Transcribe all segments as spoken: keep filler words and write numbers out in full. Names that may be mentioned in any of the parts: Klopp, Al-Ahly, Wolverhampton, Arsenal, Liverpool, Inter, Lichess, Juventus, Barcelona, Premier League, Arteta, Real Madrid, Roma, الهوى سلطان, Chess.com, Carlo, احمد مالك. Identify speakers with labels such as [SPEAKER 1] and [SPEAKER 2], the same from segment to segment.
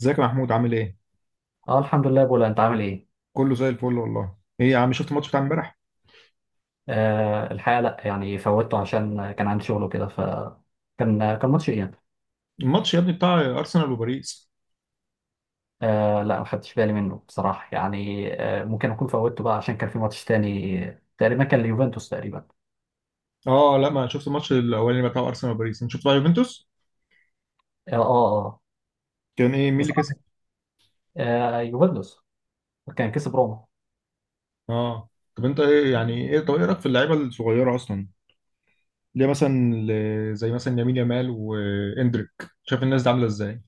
[SPEAKER 1] ازيك يا محمود عامل ايه؟
[SPEAKER 2] اه الحمد لله بولا، انت عامل ايه؟
[SPEAKER 1] كله زي الفل والله. ايه يا عم شفت الماتش بتاع امبارح؟
[SPEAKER 2] آه الحقيقه لا يعني فوتته عشان كان عندي شغل وكده ف كان كان ماتش اياب.
[SPEAKER 1] الماتش يا ابني بتاع ارسنال وباريس.
[SPEAKER 2] آه لا، ما خدتش بالي منه بصراحه، يعني آه ممكن اكون فوتته بقى عشان كان في ماتش تاني، تقريبا كان ليوفنتوس تقريبا.
[SPEAKER 1] اه لا ما شفت الماتش الاولاني بتاع ارسنال وباريس، انت شفت بقى يوفنتوس؟
[SPEAKER 2] اه اه, آه.
[SPEAKER 1] كان ايه مين اللي
[SPEAKER 2] بصراحه
[SPEAKER 1] كسب؟
[SPEAKER 2] آه آه، يوفنتوس كان كسب روما.
[SPEAKER 1] اه، طب انت ايه يعني ايه طب ايه رايك في اللعيبه الصغيره اصلا؟ ليه مثلا ل- زي مثلا يمين يامال واندريك، شايف الناس دي عامله ازاي؟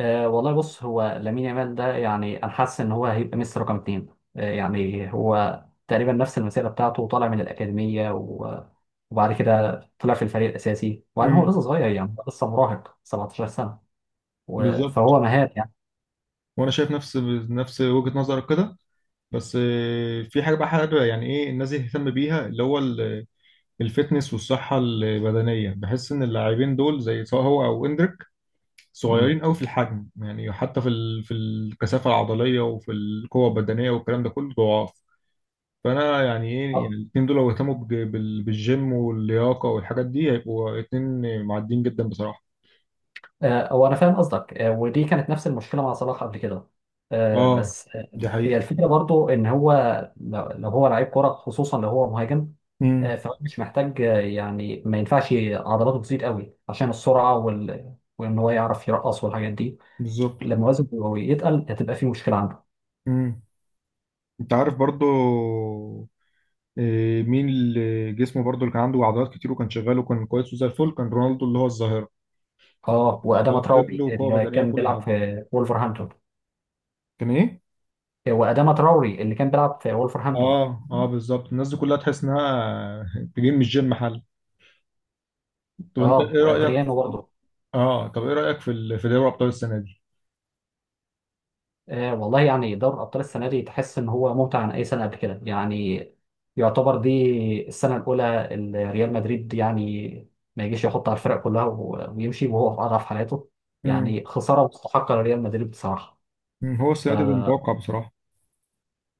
[SPEAKER 2] أه والله بص، هو لامين يامال ده يعني انا حاسس ان هو هيبقى ميسي رقم اتنين. أه يعني هو تقريبا نفس المسيره بتاعته، طالع من الاكاديميه و- وبعد كده طلع في الفريق الاساسي، وبعدين هو
[SPEAKER 1] امم.
[SPEAKER 2] لسه صغير يعني، هو لسه مراهق سبعة عشر سنه و-
[SPEAKER 1] بالظبط.
[SPEAKER 2] فهو مهاري يعني.
[SPEAKER 1] وانا شايف نفس نفس وجهه نظرك كده. بس آه، في حاجه بقى حابب يعني ايه الناس دي تهتم بيها اللي هو الفتنس والصحة البدنية. بحس إن اللاعبين دول زي سواء هو أو إندريك
[SPEAKER 2] مم.
[SPEAKER 1] صغيرين أوي في الحجم، يعني حتى في ال... في الكثافة العضلية وفي القوة البدنية والكلام ده كله ضعاف. فأنا يعني إيه يعني الاتنين دول لو اهتموا بج... بال... بالجيم واللياقة والحاجات دي هيبقوا اتنين معديين جدا بصراحة.
[SPEAKER 2] آه، هو انا فاهم قصدك، آه، ودي كانت نفس المشكله مع صلاح قبل كده. آه،
[SPEAKER 1] آه
[SPEAKER 2] بس آه،
[SPEAKER 1] دي
[SPEAKER 2] هي
[SPEAKER 1] حقيقة.
[SPEAKER 2] الفكره برضو ان هو لو لو هو لعيب كره، خصوصا لو هو مهاجم.
[SPEAKER 1] امم
[SPEAKER 2] آه، فهو مش محتاج آه، يعني ما ينفعش عضلاته تزيد قوي عشان السرعه وال... وان هو يعرف يرقص والحاجات دي.
[SPEAKER 1] بالظبط.
[SPEAKER 2] لما وزنه يتقل هتبقى في مشكله عنده.
[SPEAKER 1] امم أنت عارف برضو إيه، مين اللي جسمه برضو اللي كان عنده عضلات كتير وكان شغال وكان كويس وزي الفل كان رونالدو اللي هو الظاهرة.
[SPEAKER 2] اه، واداما
[SPEAKER 1] عضلات رجل
[SPEAKER 2] تراوري
[SPEAKER 1] وقوة
[SPEAKER 2] اللي
[SPEAKER 1] بدنية
[SPEAKER 2] كان
[SPEAKER 1] وكل
[SPEAKER 2] بيلعب
[SPEAKER 1] حاجة.
[SPEAKER 2] في وولفرهامبتون.
[SPEAKER 1] كان ايه؟
[SPEAKER 2] آه، واداما تراوري اللي كان بيلعب في وولفرهامبتون.
[SPEAKER 1] اه اه، بالظبط، الناس دي كلها تحس انها تجيب مش جيم حل. طب انت
[SPEAKER 2] اه،
[SPEAKER 1] ايه رأيك؟
[SPEAKER 2] وادريانو برضه.
[SPEAKER 1] اه، طب ايه رأيك في ال... في دوري ابطال السنة دي؟
[SPEAKER 2] آه والله يعني دوري الأبطال السنة دي تحس إن هو ممتع عن أي سنة قبل كده يعني. يعتبر دي السنة الأولى اللي ريال مدريد يعني ما يجيش يحط على الفرق كلها و- ويمشي وهو في أضعف حالاته.
[SPEAKER 1] امم
[SPEAKER 2] يعني خسارة مستحقة لريال مدريد بصراحة.
[SPEAKER 1] هو السنه دي كان متوقع بصراحه.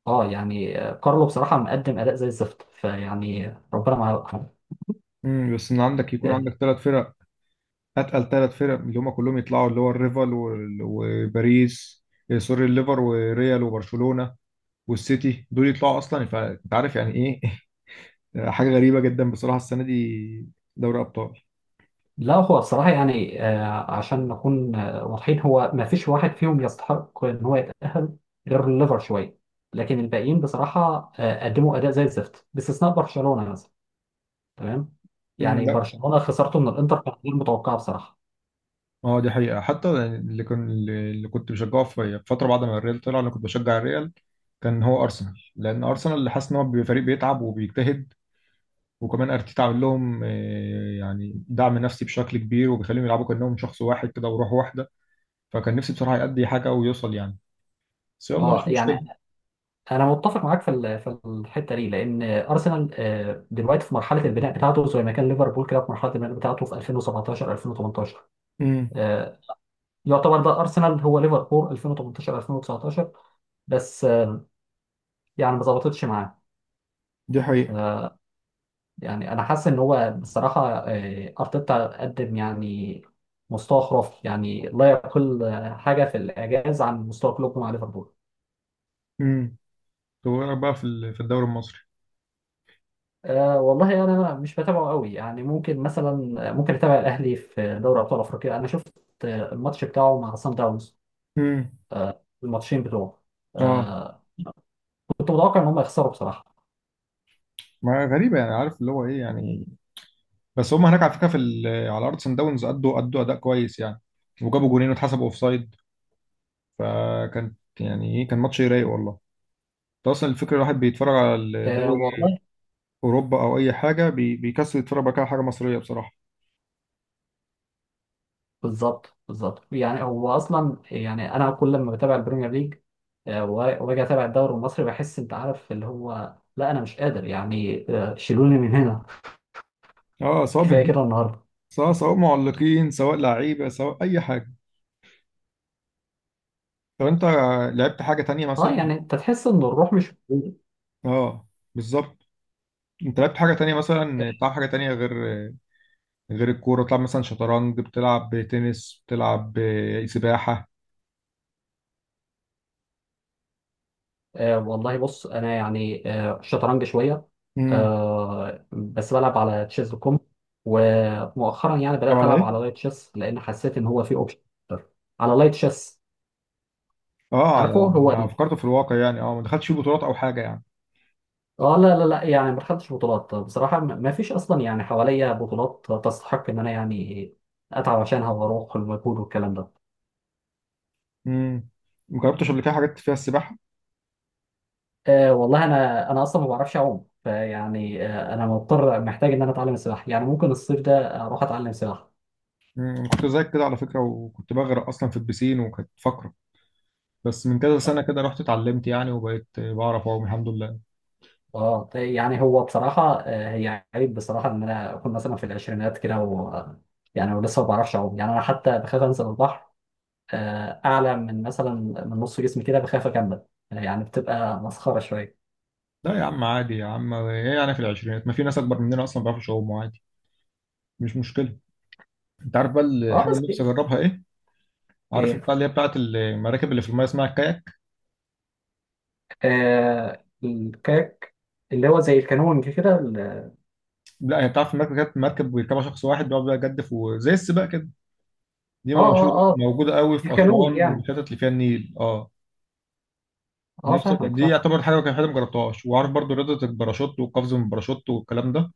[SPEAKER 2] اه يعني آه، كارلو بصراحة مقدم أداء زي الزفت، فيعني ربنا معاه.
[SPEAKER 1] امم بس ان عندك يكون عندك ثلاث فرق، اتقل ثلاث فرق، اللي هم كلهم يطلعوا اللي هو الريفال وال- وباريس، إيه، سوري، الليفر وريال وبرشلونه والسيتي دول يطلعوا اصلا، فانت عارف يعني ايه. حاجه غريبه جدا بصراحه السنه دي دوري ابطال.
[SPEAKER 2] لا، هو الصراحة يعني آه، عشان نكون آه، واضحين، هو ما فيش واحد فيهم يستحق إن هو يتأهل غير الليفر شوية. لكن الباقيين بصراحة آه، قدموا أداء زي الزفت باستثناء برشلونة مثلا. تمام. يعني
[SPEAKER 1] امم
[SPEAKER 2] برشلونة خسارته من الإنتر كانت غير متوقعة بصراحة.
[SPEAKER 1] اه، دي حقيقة، حتى اللي كان اللي كنت بشجعه في فترة بعد ما الريال طلع، انا كنت بشجع الريال، كان هو ارسنال، لان ارسنال اللي حاسس ان هو بيبقى فريق بيتعب وبيجتهد، وكمان ارتيتا عامل لهم آه، يعني دعم نفسي بشكل كبير وبيخليهم يلعبوا كانهم شخص واحد كده وروح واحدة. فكان نفسي بصراحة يأدي حاجة ويوصل يعني، بس يلا
[SPEAKER 2] اه
[SPEAKER 1] مش
[SPEAKER 2] يعني
[SPEAKER 1] مشكلة.
[SPEAKER 2] أنا متفق معاك في ال- في الحتة دي، لأن أرسنال آه، دلوقتي في مرحلة البناء بتاعته، زي ما كان ليفربول كده في مرحلة البناء بتاعته في ألفين وسبعة عشر ألفين وتمنتاشر.
[SPEAKER 1] امم
[SPEAKER 2] آه، يعتبر ده أرسنال هو ليفربول ألفين وتمنتاشر ألفين وتسعتاشر بس، يعني ما ظبطتش معاه.
[SPEAKER 1] دي حقيقة.
[SPEAKER 2] آه، يعني انا حاسس ان هو بصراحه آه، ارتيتا قدم يعني مستوى خرافي، يعني لا يقل آه، حاجه في الاعجاز عن مستوى كلوب مع ليفربول.
[SPEAKER 1] امم طب ايه رأيك بقى في ال- في الدوري المصري؟
[SPEAKER 2] أه والله يعني انا مش بتابعه قوي، يعني ممكن مثلا ممكن اتابع الاهلي في دوري ابطال افريقيا. انا شفت آه، الماتش بتاعه مع سان داونز،
[SPEAKER 1] امم
[SPEAKER 2] آه، الماتشين بتوعه.
[SPEAKER 1] اه،
[SPEAKER 2] أه، كنت متوقع ان هم يخسروا بصراحه.
[SPEAKER 1] ما غريبة يعني، عارف اللي هو ايه يعني. بس هم هناك على فكره في ال- على ارض سان داونز ادوا ادوا اداء كويس يعني، وجابوا جونين واتحسبوا اوفسايد، فكان يعني ايه كان ماتش رايق والله. انت اصلا الفكره الواحد بيتفرج على
[SPEAKER 2] أه
[SPEAKER 1] الدوري
[SPEAKER 2] والله
[SPEAKER 1] اوروبا او اي حاجه بي- بيكسر يتفرج بقى على حاجه مصريه بصراحه.
[SPEAKER 2] بالظبط بالظبط، يعني هو اصلا يعني انا كل لما بتابع البريمير ليج آه، و- واجي اتابع الدوري المصري بحس انت عارف اللي هو لا، انا مش قادر يعني آه، شيلوني من هنا.
[SPEAKER 1] اه، سواء
[SPEAKER 2] كفايه كده النهارده.
[SPEAKER 1] سواء سواء معلقين سواء لعيبه سواء اي حاجه. طب انت لعبت حاجه تانية
[SPEAKER 2] اه
[SPEAKER 1] مثلا؟
[SPEAKER 2] يعني انت تحس ان الروح مش موجوده.
[SPEAKER 1] اه، بالظبط. انت لعبت حاجه تانية مثلا؟ بتلعب حاجه تانية غير غير الكوره؟ بتلعب مثلا شطرنج، بتلعب تنس، بتلعب إيه، سباحه؟
[SPEAKER 2] آه والله بص، انا يعني آه شطرنج شويه.
[SPEAKER 1] امم
[SPEAKER 2] آه بس بلعب على تشيز دوت كوم، ومؤخرا يعني
[SPEAKER 1] طب
[SPEAKER 2] بدات
[SPEAKER 1] على
[SPEAKER 2] العب على
[SPEAKER 1] ايه؟
[SPEAKER 2] لايت تشيس لان حسيت ان هو في اوبشن. على لايت تشيس.
[SPEAKER 1] اه،
[SPEAKER 2] عارفه
[SPEAKER 1] على،
[SPEAKER 2] هو.
[SPEAKER 1] أنا فكرته في الواقع يعني، اه ما دخلتش فيه بطولات او حاجه يعني.
[SPEAKER 2] اه لا لا لا، يعني ما خدتش بطولات بصراحة، ما ما فيش أصلا يعني حواليا بطولات تستحق إن أنا يعني أتعب عشانها وأروح المجهود والكلام ده.
[SPEAKER 1] امم ما جربتش قبل كده حاجات فيها السباحه؟
[SPEAKER 2] آه والله، أنا أنا أصلا ما بعرفش أعوم، فيعني آه أنا مضطر، محتاج إن أنا أتعلم السباحة. يعني ممكن الصيف ده أروح أتعلم سباحة.
[SPEAKER 1] امم كنت زيك كده على فكره، وكنت بغرق اصلا في البسين وكانت فقره، بس من كذا سنه كده رحت اتعلمت يعني وبقيت بعرف اعوم الحمد لله.
[SPEAKER 2] اه يعني هو بصراحة آه، هي عيب بصراحة إن أنا أكون مثلا في العشرينات كده و يعني ولسه ما بعرفش أعوم. يعني أنا حتى بخاف أنزل البحر آه، أعلى من مثلا من نص جسمي كده، بخاف أكمل. يعني بتبقى مسخرة شوية.
[SPEAKER 1] لا يا عم، عادي يا عم، ايه يعني في العشرينات، ما في ناس اكبر مننا اصلا ما بيعرفوش يعوموا عادي، مش مشكله. انت عارف بقى
[SPEAKER 2] اه
[SPEAKER 1] الحاجه اللي
[SPEAKER 2] بس
[SPEAKER 1] نفسي اجربها ايه؟ عارف
[SPEAKER 2] ايه.
[SPEAKER 1] البتاع اللي هي بتاعت المراكب اللي في المايه اسمها الكاياك؟
[SPEAKER 2] آه الكاك، اللي هو زي الكانون كده ال- اه
[SPEAKER 1] لا، هي بتاعت المركب، مركب بيركبها شخص واحد بيقعد بقى يجدف وزي السباق كده. دي موجودة،
[SPEAKER 2] اه اه
[SPEAKER 1] موجودة قوي في
[SPEAKER 2] الكانون
[SPEAKER 1] أسوان
[SPEAKER 2] يعني.
[SPEAKER 1] والحتت اللي فيها النيل، اه.
[SPEAKER 2] اه
[SPEAKER 1] نفسي
[SPEAKER 2] فاهمك
[SPEAKER 1] دي
[SPEAKER 2] فاهم.
[SPEAKER 1] يعتبر حاجة كان حاجة ما جربتهاش، وعارف برضو رياضة الباراشوت والقفز من الباراشوت والكلام ده،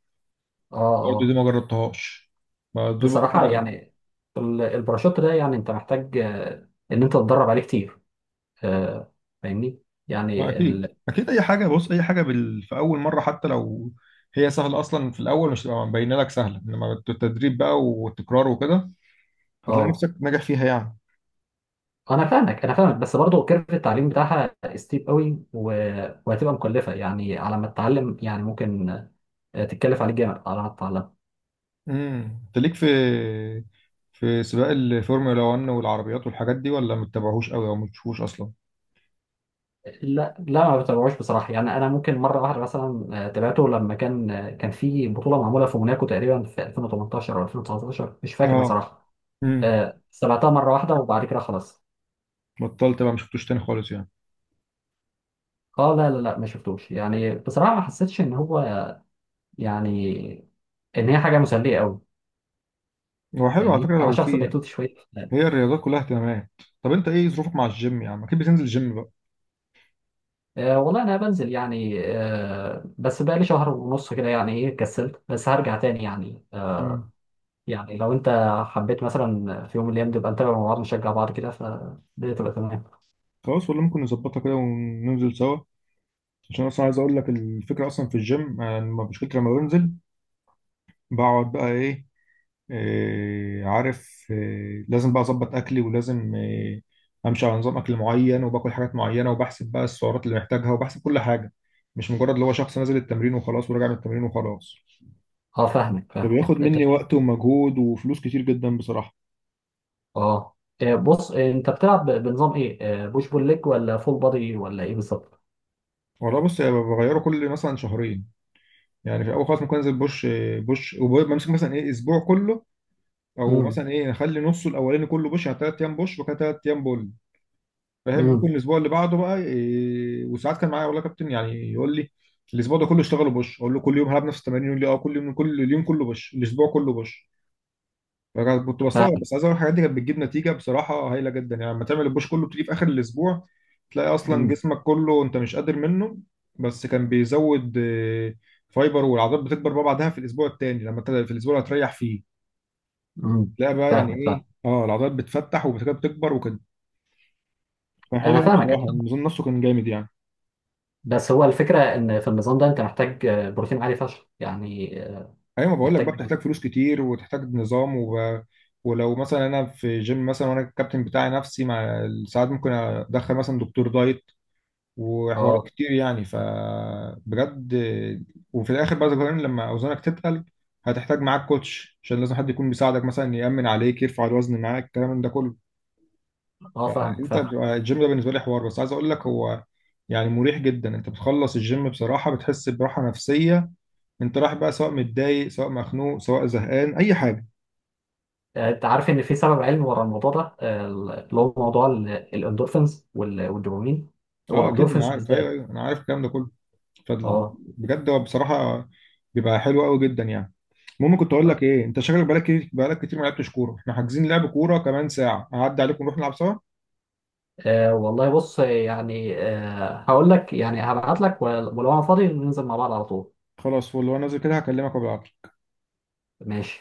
[SPEAKER 2] اه
[SPEAKER 1] برضو دي
[SPEAKER 2] اه
[SPEAKER 1] ما جربتهاش. ما دول بفكر
[SPEAKER 2] بصراحة
[SPEAKER 1] أجرب.
[SPEAKER 2] يعني ال- الباراشوت ده يعني انت محتاج آه، ان انت تتدرب عليه كتير. آه فاهمني.
[SPEAKER 1] ما
[SPEAKER 2] يعني
[SPEAKER 1] أكيد
[SPEAKER 2] ال...
[SPEAKER 1] أكيد، أي حاجة، بص، أي حاجة بال... في أول مرة حتى لو هي سهلة أصلا، في الأول مش تبقى مبينة لك سهلة، إنما التدريب بقى والتكرار وكده هتلاقي
[SPEAKER 2] اه
[SPEAKER 1] نفسك ناجح فيها يعني.
[SPEAKER 2] انا فاهمك انا فاهمك، بس برضه كيرف التعليم بتاعها ستيب قوي و... وهتبقى مكلفة يعني على ما تتعلم، يعني ممكن آه، تتكلف عليك جامد على ما تتعلم.
[SPEAKER 1] امم أنت ليك في في سباق الفورمولا واحد والعربيات والحاجات دي، ولا ما بتتابعهوش قوي أو ما بتشوفوش أصلا؟
[SPEAKER 2] لا لا، ما بتابعوش بصراحة. يعني أنا ممكن مرة واحدة مثلا آه، تابعته لما كان آه، كان في بطولة معمولة في موناكو تقريبا في ألفين وتمنتاشر أو ألفين وتسعتاشر، مش فاكر
[SPEAKER 1] اه.
[SPEAKER 2] بصراحة.
[SPEAKER 1] امم
[SPEAKER 2] آه، سمعتها مرة واحدة وبعد كده خلاص.
[SPEAKER 1] بطلت بقى ما شفتوش تاني خالص يعني.
[SPEAKER 2] اه لا لا لا، ما شفتوش يعني بصراحة، ما حسيتش إن هو يعني إن هي حاجة مسلية أوي.
[SPEAKER 1] هو حلو على
[SPEAKER 2] فاهمني،
[SPEAKER 1] فكره
[SPEAKER 2] أنا
[SPEAKER 1] لو
[SPEAKER 2] شخص
[SPEAKER 1] في يعني،
[SPEAKER 2] بيتوتي شوية.
[SPEAKER 1] هي الرياضات كلها اهتمامات. طب انت ايه ظروفك مع الجيم يا عم؟ اكيد بتنزل الجيم بقى.
[SPEAKER 2] أه والله أنا بنزل يعني، أه بس بقالي شهر ونص كده يعني، إيه كسلت، بس هرجع تاني يعني.
[SPEAKER 1] مم.
[SPEAKER 2] يعني لو انت حبيت مثلا في يوم من الايام نبقى نتابع مع بعض، نشجع بعض كده، فالدنيا تبقى تمام.
[SPEAKER 1] خلاص، ولا ممكن نظبطها كده وننزل سوا؟ عشان اصلا عايز اقول لك الفكره، اصلا في الجيم، انا لما- مشكلتي لما بنزل بقعد بقى ايه, إيه عارف إيه لازم بقى اظبط اكلي، ولازم إيه، امشي على نظام اكل معين وباكل حاجات معينه، وبحسب بقى السعرات اللي محتاجها وبحسب كل حاجه، مش مجرد اللي هو شخص نازل التمرين وخلاص وراجع من التمرين وخلاص،
[SPEAKER 2] اه فاهمك فاهمك
[SPEAKER 1] فبياخد مني
[SPEAKER 2] اه.
[SPEAKER 1] وقت ومجهود وفلوس كتير جدا بصراحه.
[SPEAKER 2] آه، إيه، بص آه، انت بتلعب ب- بنظام ايه؟ آه، بوش بول ليج ولا فول بادي ولا ايه بالظبط؟
[SPEAKER 1] والله بص، أنا بغيره كل مثلا شهرين، يعني في الاول خالص ممكن انزل بوش، بوش، وبمسك مثلا ايه اسبوع كله، او
[SPEAKER 2] امم.
[SPEAKER 1] مثلا ايه اخلي نصه الاولاني كله بوش، يعني ثلاث ايام بوش وكده ثلاث ايام بول، فاهم؟ ممكن
[SPEAKER 2] امم.
[SPEAKER 1] الاسبوع اللي بعده بقى إيه، وساعات كان معايا والله كابتن يعني يقول لي الاسبوع ده كله اشتغلوا بوش، اقول له كل يوم هلعب نفس التمارين؟ يقول لي اه، كل يوم، كل اليوم كله بوش، الاسبوع كله بوش. بجد كنت بستغرب،
[SPEAKER 2] فاهمك.
[SPEAKER 1] بس عايز اقول الحاجات دي كانت بتجيب نتيجه بصراحه هايله جدا، يعني لما تعمل البوش كله بتيجي في اخر الاسبوع تلاقي اصلا
[SPEAKER 2] امم.
[SPEAKER 1] جسمك كله انت مش قادر منه، بس كان بيزود آه، فايبر، والعضلات بتكبر بقى بعدها في الاسبوع التاني، لما انت في الاسبوع اللي هتريح فيه
[SPEAKER 2] امم.
[SPEAKER 1] تلاقي بقى يعني
[SPEAKER 2] فاهمك
[SPEAKER 1] ايه
[SPEAKER 2] فاهم.
[SPEAKER 1] اه العضلات بتفتح وبتكبر بتكبر وكده. كان حلو
[SPEAKER 2] انا
[SPEAKER 1] أوي
[SPEAKER 2] فاهمك أنا
[SPEAKER 1] بصراحه،
[SPEAKER 2] فاهمك.
[SPEAKER 1] النظام نفسه كان جامد يعني.
[SPEAKER 2] بس هو الفكره ان في النظام ده انت محتاج آه، بروتين عالي فشخ يعني آه،
[SPEAKER 1] ايوه، ما بقول لك بقى
[SPEAKER 2] محتاج
[SPEAKER 1] بتحتاج
[SPEAKER 2] بروتين.
[SPEAKER 1] فلوس كتير وتحتاج نظام وب... ولو مثلا انا في جيم مثلا وانا الكابتن بتاعي نفسي، مع ساعات ممكن ادخل مثلا دكتور دايت وحوارات
[SPEAKER 2] اه
[SPEAKER 1] كتير يعني، فبجد. وفي الاخر بقى ذكرين لما اوزانك تتقل هتحتاج معاك كوتش، عشان لازم حد يكون بيساعدك مثلا، يأمن عليك، يرفع الوزن معاك، الكلام من ده كله.
[SPEAKER 2] اه فاهمك
[SPEAKER 1] انت
[SPEAKER 2] فاهم.
[SPEAKER 1] بتبقى الجيم ده بالنسبه لي حوار، بس عايز اقول لك هو يعني مريح جدا، انت بتخلص الجيم بصراحه بتحس براحه نفسيه، انت رايح بقى سواء متضايق سواء مخنوق سواء زهقان اي حاجه.
[SPEAKER 2] آه، انت عارف ان في سبب علمي ورا الموضوع ده آه، اللي هو موضوع ال- الاندورفينز وال- والدوبامين،
[SPEAKER 1] اه اكيد،
[SPEAKER 2] والاندورفينز
[SPEAKER 1] انا عارف، ايوه
[SPEAKER 2] بالذات.
[SPEAKER 1] ايوه انا عارف الكلام ده كله،
[SPEAKER 2] اه
[SPEAKER 1] فبجد هو بصراحه بيبقى حلو قوي جدا يعني. المهم، كنت اقول لك ايه، انت شكلك بقالك كتير بقالك كتير ما لعبتش كوره، احنا حاجزين لعب كوره كمان ساعه، هعدي عليكم نروح نلعب سوا.
[SPEAKER 2] آه، والله بص يعني آه، هقول لك يعني هبعت لك، ول- ولو انا فاضي ننزل مع بعض على طول.
[SPEAKER 1] خلاص، فل، وانا نازل كده هكلمك وبالعافيه.
[SPEAKER 2] ماشي.